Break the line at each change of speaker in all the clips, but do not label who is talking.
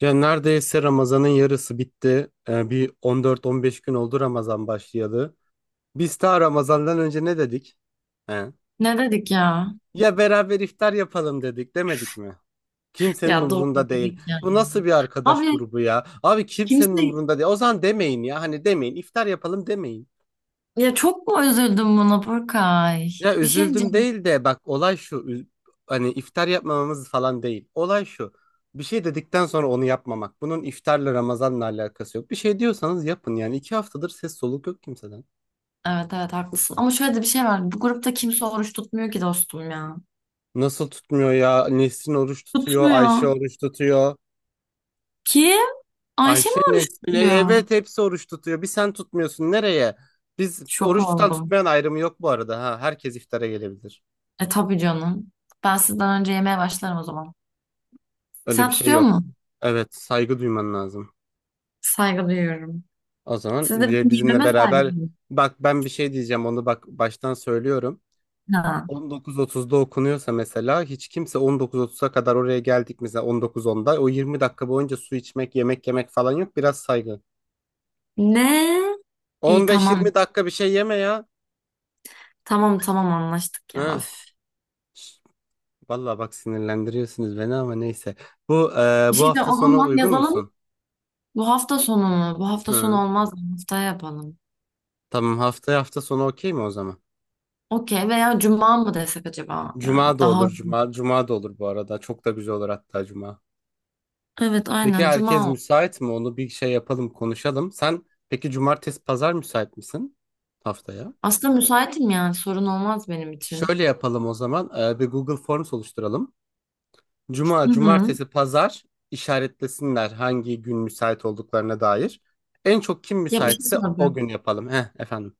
Ya neredeyse Ramazan'ın yarısı bitti. Bir 14-15 gün oldu Ramazan başlayalı. Biz daha Ramazan'dan önce ne dedik? He?
Ne dedik ya?
Ya beraber iftar yapalım dedik, demedik mi? Kimsenin
Ya doğru
umurunda değil.
dedik ya.
Bu nasıl bir arkadaş
Abi
grubu ya? Abi kimsenin
kimse,
umurunda değil. O zaman demeyin ya. Hani demeyin, İftar yapalım demeyin.
ya çok mu üzüldüm buna, Burkay?
Ya
Bir şey
üzüldüm
diyeceğim.
değil de bak olay şu hani iftar yapmamamız falan değil. Olay şu, bir şey dedikten sonra onu yapmamak. Bunun iftarla Ramazan'la alakası yok. Bir şey diyorsanız yapın, yani iki haftadır ses soluk yok kimseden.
Evet evet, haklısın. Ama şöyle de bir şey var. Bu grupta kimse oruç tutmuyor ki, dostum ya.
Nasıl tutmuyor ya? Nesrin oruç tutuyor, Ayşe
Tutmuyor.
oruç tutuyor.
Kim? Ayşe mi
Ayşe,
oruç
Nesrin,
tutuyor?
evet hepsi oruç tutuyor. Bir sen tutmuyorsun nereye? Biz
Şok
oruç tutan
oldum.
tutmayan ayrımı yok bu arada ha. Herkes iftara gelebilir.
E tabii canım. Ben sizden önce yemeye başlarım o zaman.
Öyle bir
Sen
şey
tutuyor
yok.
musun?
Evet, saygı duyman lazım.
Saygı duyuyorum.
O zaman
Siz de benim
ve bizimle
yememe saygı
beraber
duyun.
bak, ben bir şey diyeceğim, onu bak baştan söylüyorum.
Ha.
19.30'da okunuyorsa mesela, hiç kimse 19.30'a kadar, oraya geldik mesela 19.10'da, o 20 dakika boyunca su içmek, yemek yemek falan yok. Biraz saygı.
Ne? İyi, tamam.
15-20 dakika bir şey yeme ya.
Tamam tamam, anlaştık ya.
Hı.
Öf.
Şş, vallahi bak sinirlendiriyorsunuz beni ama neyse.
Bir
Bu
şey de
hafta
o
sonu
zaman
uygun
yazalım.
musun?
Bu hafta sonu mu? Bu hafta
Hı.
sonu olmaz mı? Haftaya yapalım.
Tamam, haftaya hafta sonu okey mi o zaman?
Okey, veya cuma mı desek acaba?
Cuma
Yani
da olur, cuma da olur bu arada, çok da güzel olur hatta cuma.
evet,
Peki
aynen
herkes
cuma.
müsait mi? Onu bir şey yapalım, konuşalım. Sen peki cumartesi, pazar müsait misin haftaya?
Aslında müsaitim, yani sorun olmaz benim için.
Şöyle yapalım o zaman. Bir Google Forms oluşturalım. Cuma,
Hı hı.
cumartesi, pazar işaretlesinler hangi gün müsait olduklarına dair. En çok kim
Ya, bir şey
müsaitse o
soracağım.
gün yapalım. Heh, efendim.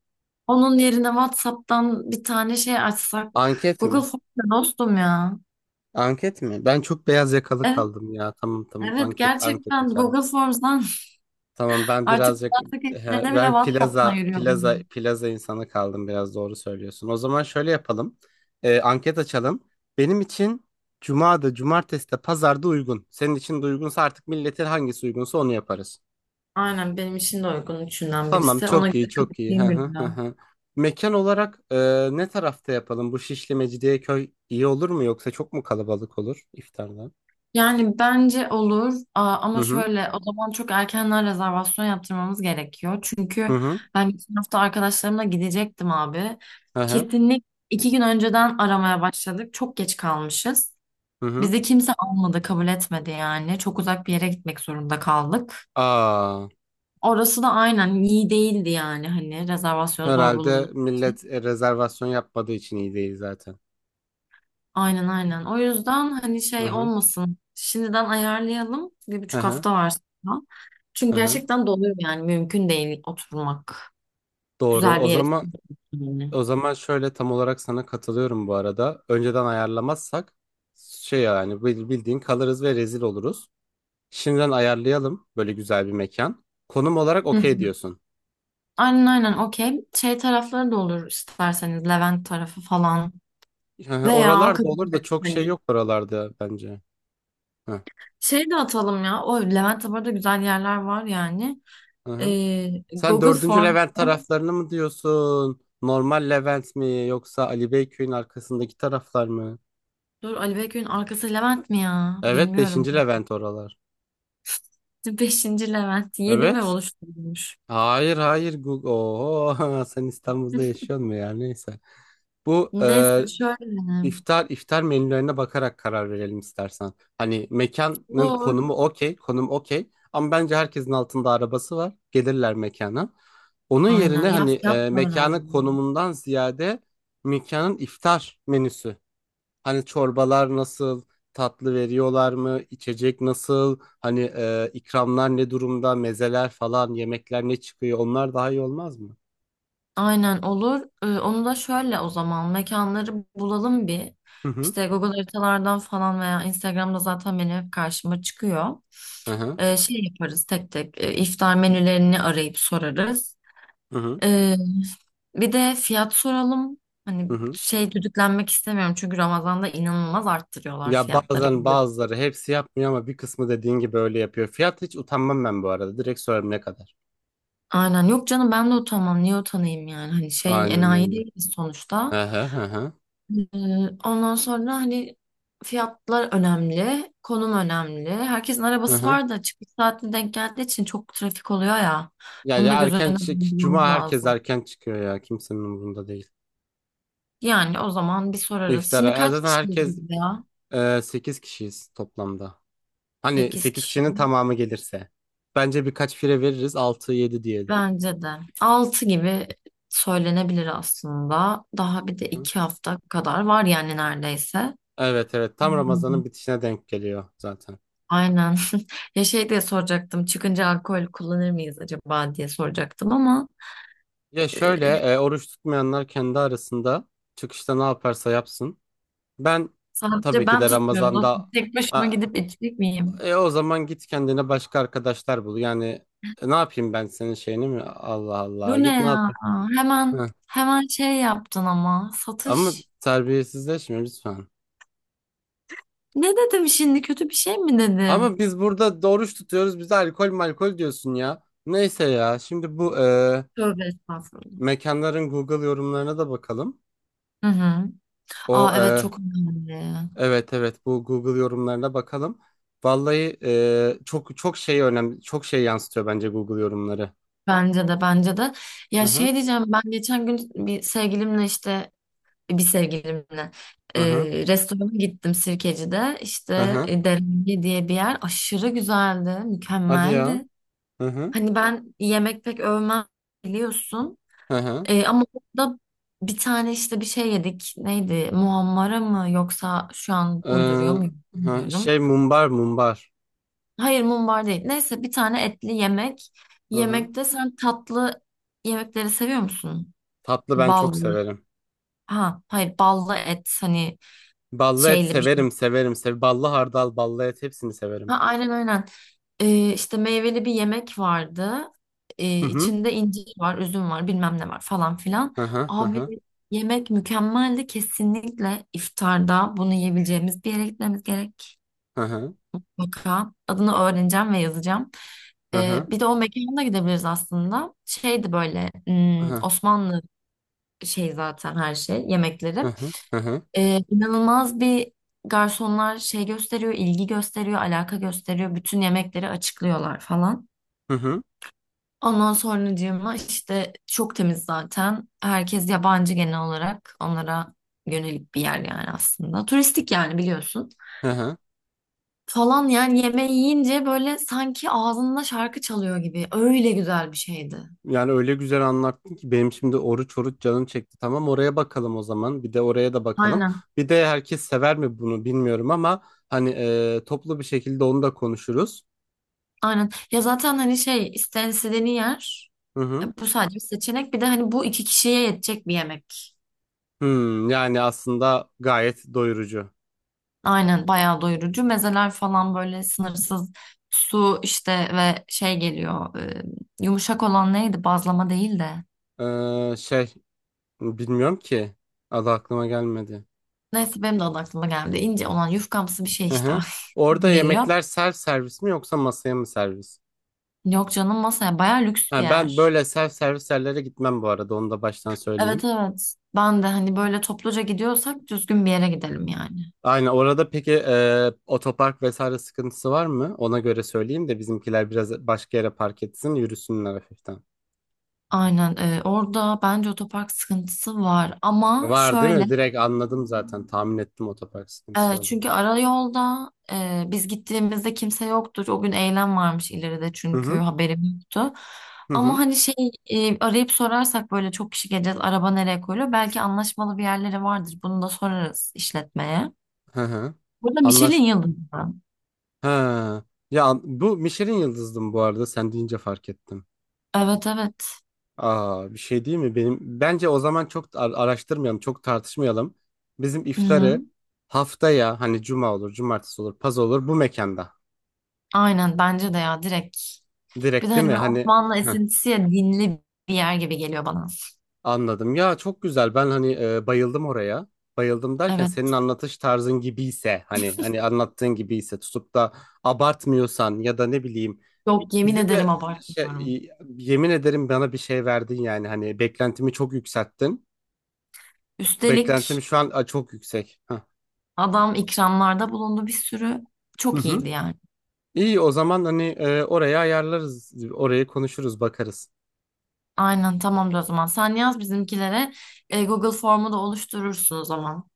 Onun yerine WhatsApp'tan bir tane şey açsak.
Anket
Google
mi?
Forms'ta, dostum ya.
Anket mi? Ben çok beyaz yakalı
Evet,
kaldım ya. Tamam tamam,
evet,
anket, anket
gerçekten
açalım.
Google Forms'dan
Tamam ben
artık
birazcık
WhatsApp
he,
ekiplerine bile
ben
WhatsApp'tan
plaza
yürüyor
plaza
bunun.
plaza insanı kaldım biraz, doğru söylüyorsun. O zaman şöyle yapalım. Anket açalım. Benim için cuma'da, cumartesi'de, pazar'da uygun. Senin için de uygunsa artık milletin hangisi uygunsa onu yaparız.
Aynen, benim için de uygun üçünden
Tamam,
birisi. Ona
çok
göre
iyi çok iyi. Hı
kapatayım
hı hı
gününü.
hı. Mekan olarak, ne tarafta yapalım? Bu Şişli Mecidiyeköy iyi olur mu yoksa çok mu kalabalık olur iftarda?
Yani bence olur. Aa,
Hı
ama
hı
şöyle, o zaman çok erkenden rezervasyon yaptırmamız gerekiyor.
hı
Çünkü
hı
ben geçen hafta arkadaşlarımla gidecektim abi.
hı hı.
Kesinlik 2 gün önceden aramaya başladık. Çok geç kalmışız.
Hı hı.
Bizi kimse almadı, kabul etmedi yani. Çok uzak bir yere gitmek zorunda kaldık.
Aa.
Orası da aynen iyi değildi yani, hani rezervasyon zor
Herhalde
bulundu.
millet e, rezervasyon yapmadığı için iyi değil zaten.
Aynen aynen. O yüzden hani
Hı
şey
hı.
olmasın. Şimdiden ayarlayalım. Bir
Hı
buçuk
hı.
hafta var sonra. Çünkü
Hı hı.
gerçekten doluyor yani. Mümkün değil oturmak.
Doğru.
Güzel
O
bir yere.
zaman
Yani.
o zaman şöyle, tam olarak sana katılıyorum bu arada. Önceden ayarlamazsak şey, yani bildiğin kalırız ve rezil oluruz. Şimdiden ayarlayalım böyle güzel bir mekan. Konum olarak
Hı hı.
okey diyorsun.
Aynen aynen, okey. Şey tarafları da olur, isterseniz. Levent tarafı falan.
Hı hı.
Veya
Oralarda olur da
Kadıköy,
çok şey
hani
yok oralarda bence. Hı
şey de atalım ya. O, Levent'te bu arada güzel yerler var yani.
hı. Hı. Sen
Google
dördüncü
Form.
Levent taraflarını mı diyorsun? Normal Levent mi yoksa Ali Beyköy'ün arkasındaki taraflar mı?
Dur, Ali Bekir'in arkası Levent mi ya?
Evet,
Bilmiyorum.
beşinci Levent oralar.
Beşinci Levent. Yedi mi
Evet.
oluşturulmuş?
Hayır hayır, Google. Oho, sen İstanbul'da yaşıyorsun mu ya? Neyse. Bu e,
Neyse, şöyle.
iftar iftar menülerine bakarak karar verelim istersen. Hani mekanın
Olur.
konumu okey, konum okey. Ama bence herkesin altında arabası var. Gelirler mekana. Onun
Aynen.
yerine
Ya,
hani
fiyat da
mekanın
önemli.
konumundan ziyade mekanın iftar menüsü. Hani çorbalar nasıl, tatlı veriyorlar mı, içecek nasıl, hani ikramlar ne durumda, mezeler falan, yemekler ne çıkıyor, onlar daha iyi olmaz mı?
Aynen olur. Onu da şöyle, o zaman mekanları bulalım bir.
Hı hı.
İşte Google haritalardan falan, veya Instagram'da zaten benim hep karşıma çıkıyor.
Hı hı.
Şey yaparız tek tek, iftar menülerini arayıp sorarız.
Hı hı.
Ee, bir de fiyat soralım. Hani
Hı hı.
şey, düdüklenmek istemiyorum çünkü Ramazan'da inanılmaz arttırıyorlar
Ya
fiyatları,
bazen
biliyorum.
bazıları, hepsi yapmıyor ama bir kısmı dediğin gibi öyle yapıyor. Fiyat, hiç utanmam ben bu arada. Direkt sorarım ne kadar.
Aynen, yok canım, ben de utanmam, niye utanayım yani, hani şey,
Aynen
enayi
öyle.
değiliz sonuçta.
Hı hı hı hı.
Ee, Ondan sonra hani fiyatlar önemli, konum önemli. Herkesin
Hı
arabası
hı.
var da çıkış saatine denk geldiği için çok trafik oluyor ya.
Ya,
Bunu da
ya
göz
erken
önüne
çık. Cuma
bulundurmamız
herkes
lazım.
erken çıkıyor ya. Kimsenin umurunda değil.
Yani o zaman bir sorarız.
İftara.
Şimdi
Ya
kaç
zaten
kişiyiz biz
herkes
ya?
e, 8 kişiyiz toplamda. Hani
Sekiz
8
kişi.
kişinin tamamı gelirse. Bence birkaç fire veririz, altı yedi diyelim.
Bence de. 6 gibi söylenebilir aslında. Daha bir de
Hı?
2 hafta kadar var yani, neredeyse.
Evet evet. Tam
Hmm.
Ramazan'ın bitişine denk geliyor zaten.
Aynen. Ya, şey diye soracaktım. Çıkınca alkol kullanır mıyız acaba diye soracaktım, ama.
Ya şöyle, oruç tutmayanlar kendi arasında çıkışta ne yaparsa yapsın. Ben tabii
Sadece
ki
ben
de
tutmuyorum, dostum.
Ramazan'da
Tek başıma
A-
gidip içecek miyim?
o zaman git kendine başka arkadaşlar bul. Yani ne yapayım ben senin şeyini mi? Allah Allah.
Bu ne
Git ne yap?
ya? Hemen
Hı.
hemen şey yaptın ama.
Ama
Satış.
terbiyesizleşme lütfen.
Ne dedim şimdi? Kötü bir şey mi
Ama
dedim?
biz burada doğruş tutuyoruz. Bize alkol malkol diyorsun ya. Neyse ya. Şimdi bu,
Tövbe estağfurullah.
mekanların Google yorumlarına da bakalım.
Hı hı.
O
Aa, evet,
e,
çok önemli.
evet evet, bu Google yorumlarına bakalım. Vallahi, çok çok şey önemli. Çok şey yansıtıyor bence Google yorumları.
Bence de, bence de.
Hı
Ya,
hı
şey diyeceğim, ben geçen gün bir sevgilimle
hı hı.
restorana gittim Sirkeci'de.
Hı
İşte
hı.
Derenge diye bir yer. Aşırı güzeldi,
Hadi ya.
mükemmeldi.
Hı hı
Hani ben yemek pek övmem, biliyorsun.
hı hı.
Ama orada bir tane işte bir şey yedik. Neydi? Muhammara mı, yoksa şu an uyduruyor muyum bilmiyorum.
Şey, mumbar.
Hayır, mumbar değil. Neyse, bir tane etli yemek.
Hı hı.
Yemekte sen tatlı yemekleri seviyor musun?
Tatlı ben çok
Ballı.
severim.
Ha, hayır, ballı et, hani
Ballı et
şeyli bir.
severim severim. Sev ballı hardal, ballı et, hepsini
Ha,
severim.
aynen aynen. İşte meyveli bir yemek vardı.
Hı hı.
İçinde incir var, üzüm var, bilmem ne var falan filan.
Hı hı hı
Abi,
hı
yemek mükemmeldi. Kesinlikle iftarda bunu yiyebileceğimiz bir yere gitmemiz gerek.
hı hı
Mutlaka. Adını öğreneceğim ve yazacağım.
hı
Bir de o mekana gidebiliriz aslında. Şeydi böyle,
hı hı
Osmanlı şey, zaten her şey
hı
yemekleri.
hı hı
İnanılmaz bir, garsonlar şey gösteriyor, ilgi gösteriyor, alaka gösteriyor. Bütün yemekleri açıklıyorlar falan.
hı hı
Ondan sonracığıma, işte çok temiz zaten. Herkes yabancı genel olarak. Onlara yönelik bir yer yani aslında. Turistik yani, biliyorsun.
hı hı.
Falan, yani yemeği yiyince böyle sanki ağzında şarkı çalıyor gibi. Öyle güzel bir şeydi.
Yani öyle güzel anlattın ki benim şimdi oruç oruç canım çekti. Tamam, oraya bakalım o zaman. Bir de oraya da bakalım.
Aynen.
Bir de herkes sever mi bunu bilmiyorum ama hani toplu bir şekilde onu da konuşuruz.
Aynen. Ya, zaten hani şey, istenildiğini yer.
Hı hı.
Bu sadece bir seçenek. Bir de hani, bu iki kişiye yetecek bir yemek.
Hmm, yani aslında gayet doyurucu.
Aynen, bayağı doyurucu. Mezeler falan böyle sınırsız, su işte ve şey geliyor. Yumuşak olan neydi? Bazlama değil de.
Ee, şey bilmiyorum ki, adı aklıma gelmedi.
Neyse, benim de adı aklıma geldi. İnce olan yufkamsı bir şey
Hı
işte.
hı.
Aklıma
Orada
geliyor.
yemekler self servis mi yoksa masaya mı servis?
Yok canım, masaya, bayağı lüks bir
Ha, ben
yer.
böyle self servis yerlere gitmem bu arada, onu da baştan
Evet
söyleyeyim.
evet. Ben de hani, böyle topluca gidiyorsak düzgün bir yere gidelim yani.
Aynen, orada peki otopark vesaire sıkıntısı var mı? Ona göre söyleyeyim de bizimkiler biraz başka yere park etsin, yürüsünler hafiften.
Aynen, orada bence otopark sıkıntısı var, ama
Var değil
şöyle.
mi? Direkt anladım zaten, tahmin ettim otopark sıkıntısı olduğunu.
Çünkü ara yolda, biz gittiğimizde kimse yoktur. O gün eylem varmış ileride,
Hı
çünkü
hı
haberim yoktu.
hı
Ama
hı
hani şey, arayıp sorarsak, böyle çok kişi geleceğiz, araba nereye koyuluyor? Belki anlaşmalı bir yerleri vardır. Bunu da sorarız işletmeye.
hı hı.
Burada
Anlaş...
Michelin yıldızı.
Ha. Ya bu Michelin yıldızdım bu arada, sen deyince fark ettim.
Evet evet.
Aa, bir şey değil mi? Benim bence o zaman çok araştırmayalım, çok tartışmayalım. Bizim iftarı
Hı-hı.
haftaya, hani cuma olur, cumartesi olur, paz olur, bu mekanda.
Aynen, bence de ya, direkt. Bir de
Direkt değil
hani
mi?
böyle
Hani
Osmanlı esintisi ya, dinli bir yer gibi geliyor bana.
anladım. Ya çok güzel. Ben hani bayıldım oraya. Bayıldım derken, senin
Evet.
anlatış tarzın gibiyse, hani anlattığın gibiyse, tutup da abartmıyorsan ya da ne bileyim,
Yok, yemin
bize de
ederim, abartmıyorum.
şey, yemin ederim bana bir şey verdin, yani hani beklentimi çok yükselttin. Beklentim
Üstelik
şu an a, çok yüksek. Hah.
adam ikramlarda bulundu bir sürü.
Hı
Çok
hı.
iyiydi yani.
İyi, o zaman hani oraya ayarlarız, orayı konuşuruz, bakarız.
Aynen, tamamdır o zaman. Sen yaz bizimkilere. Google formu da oluşturursun o zaman.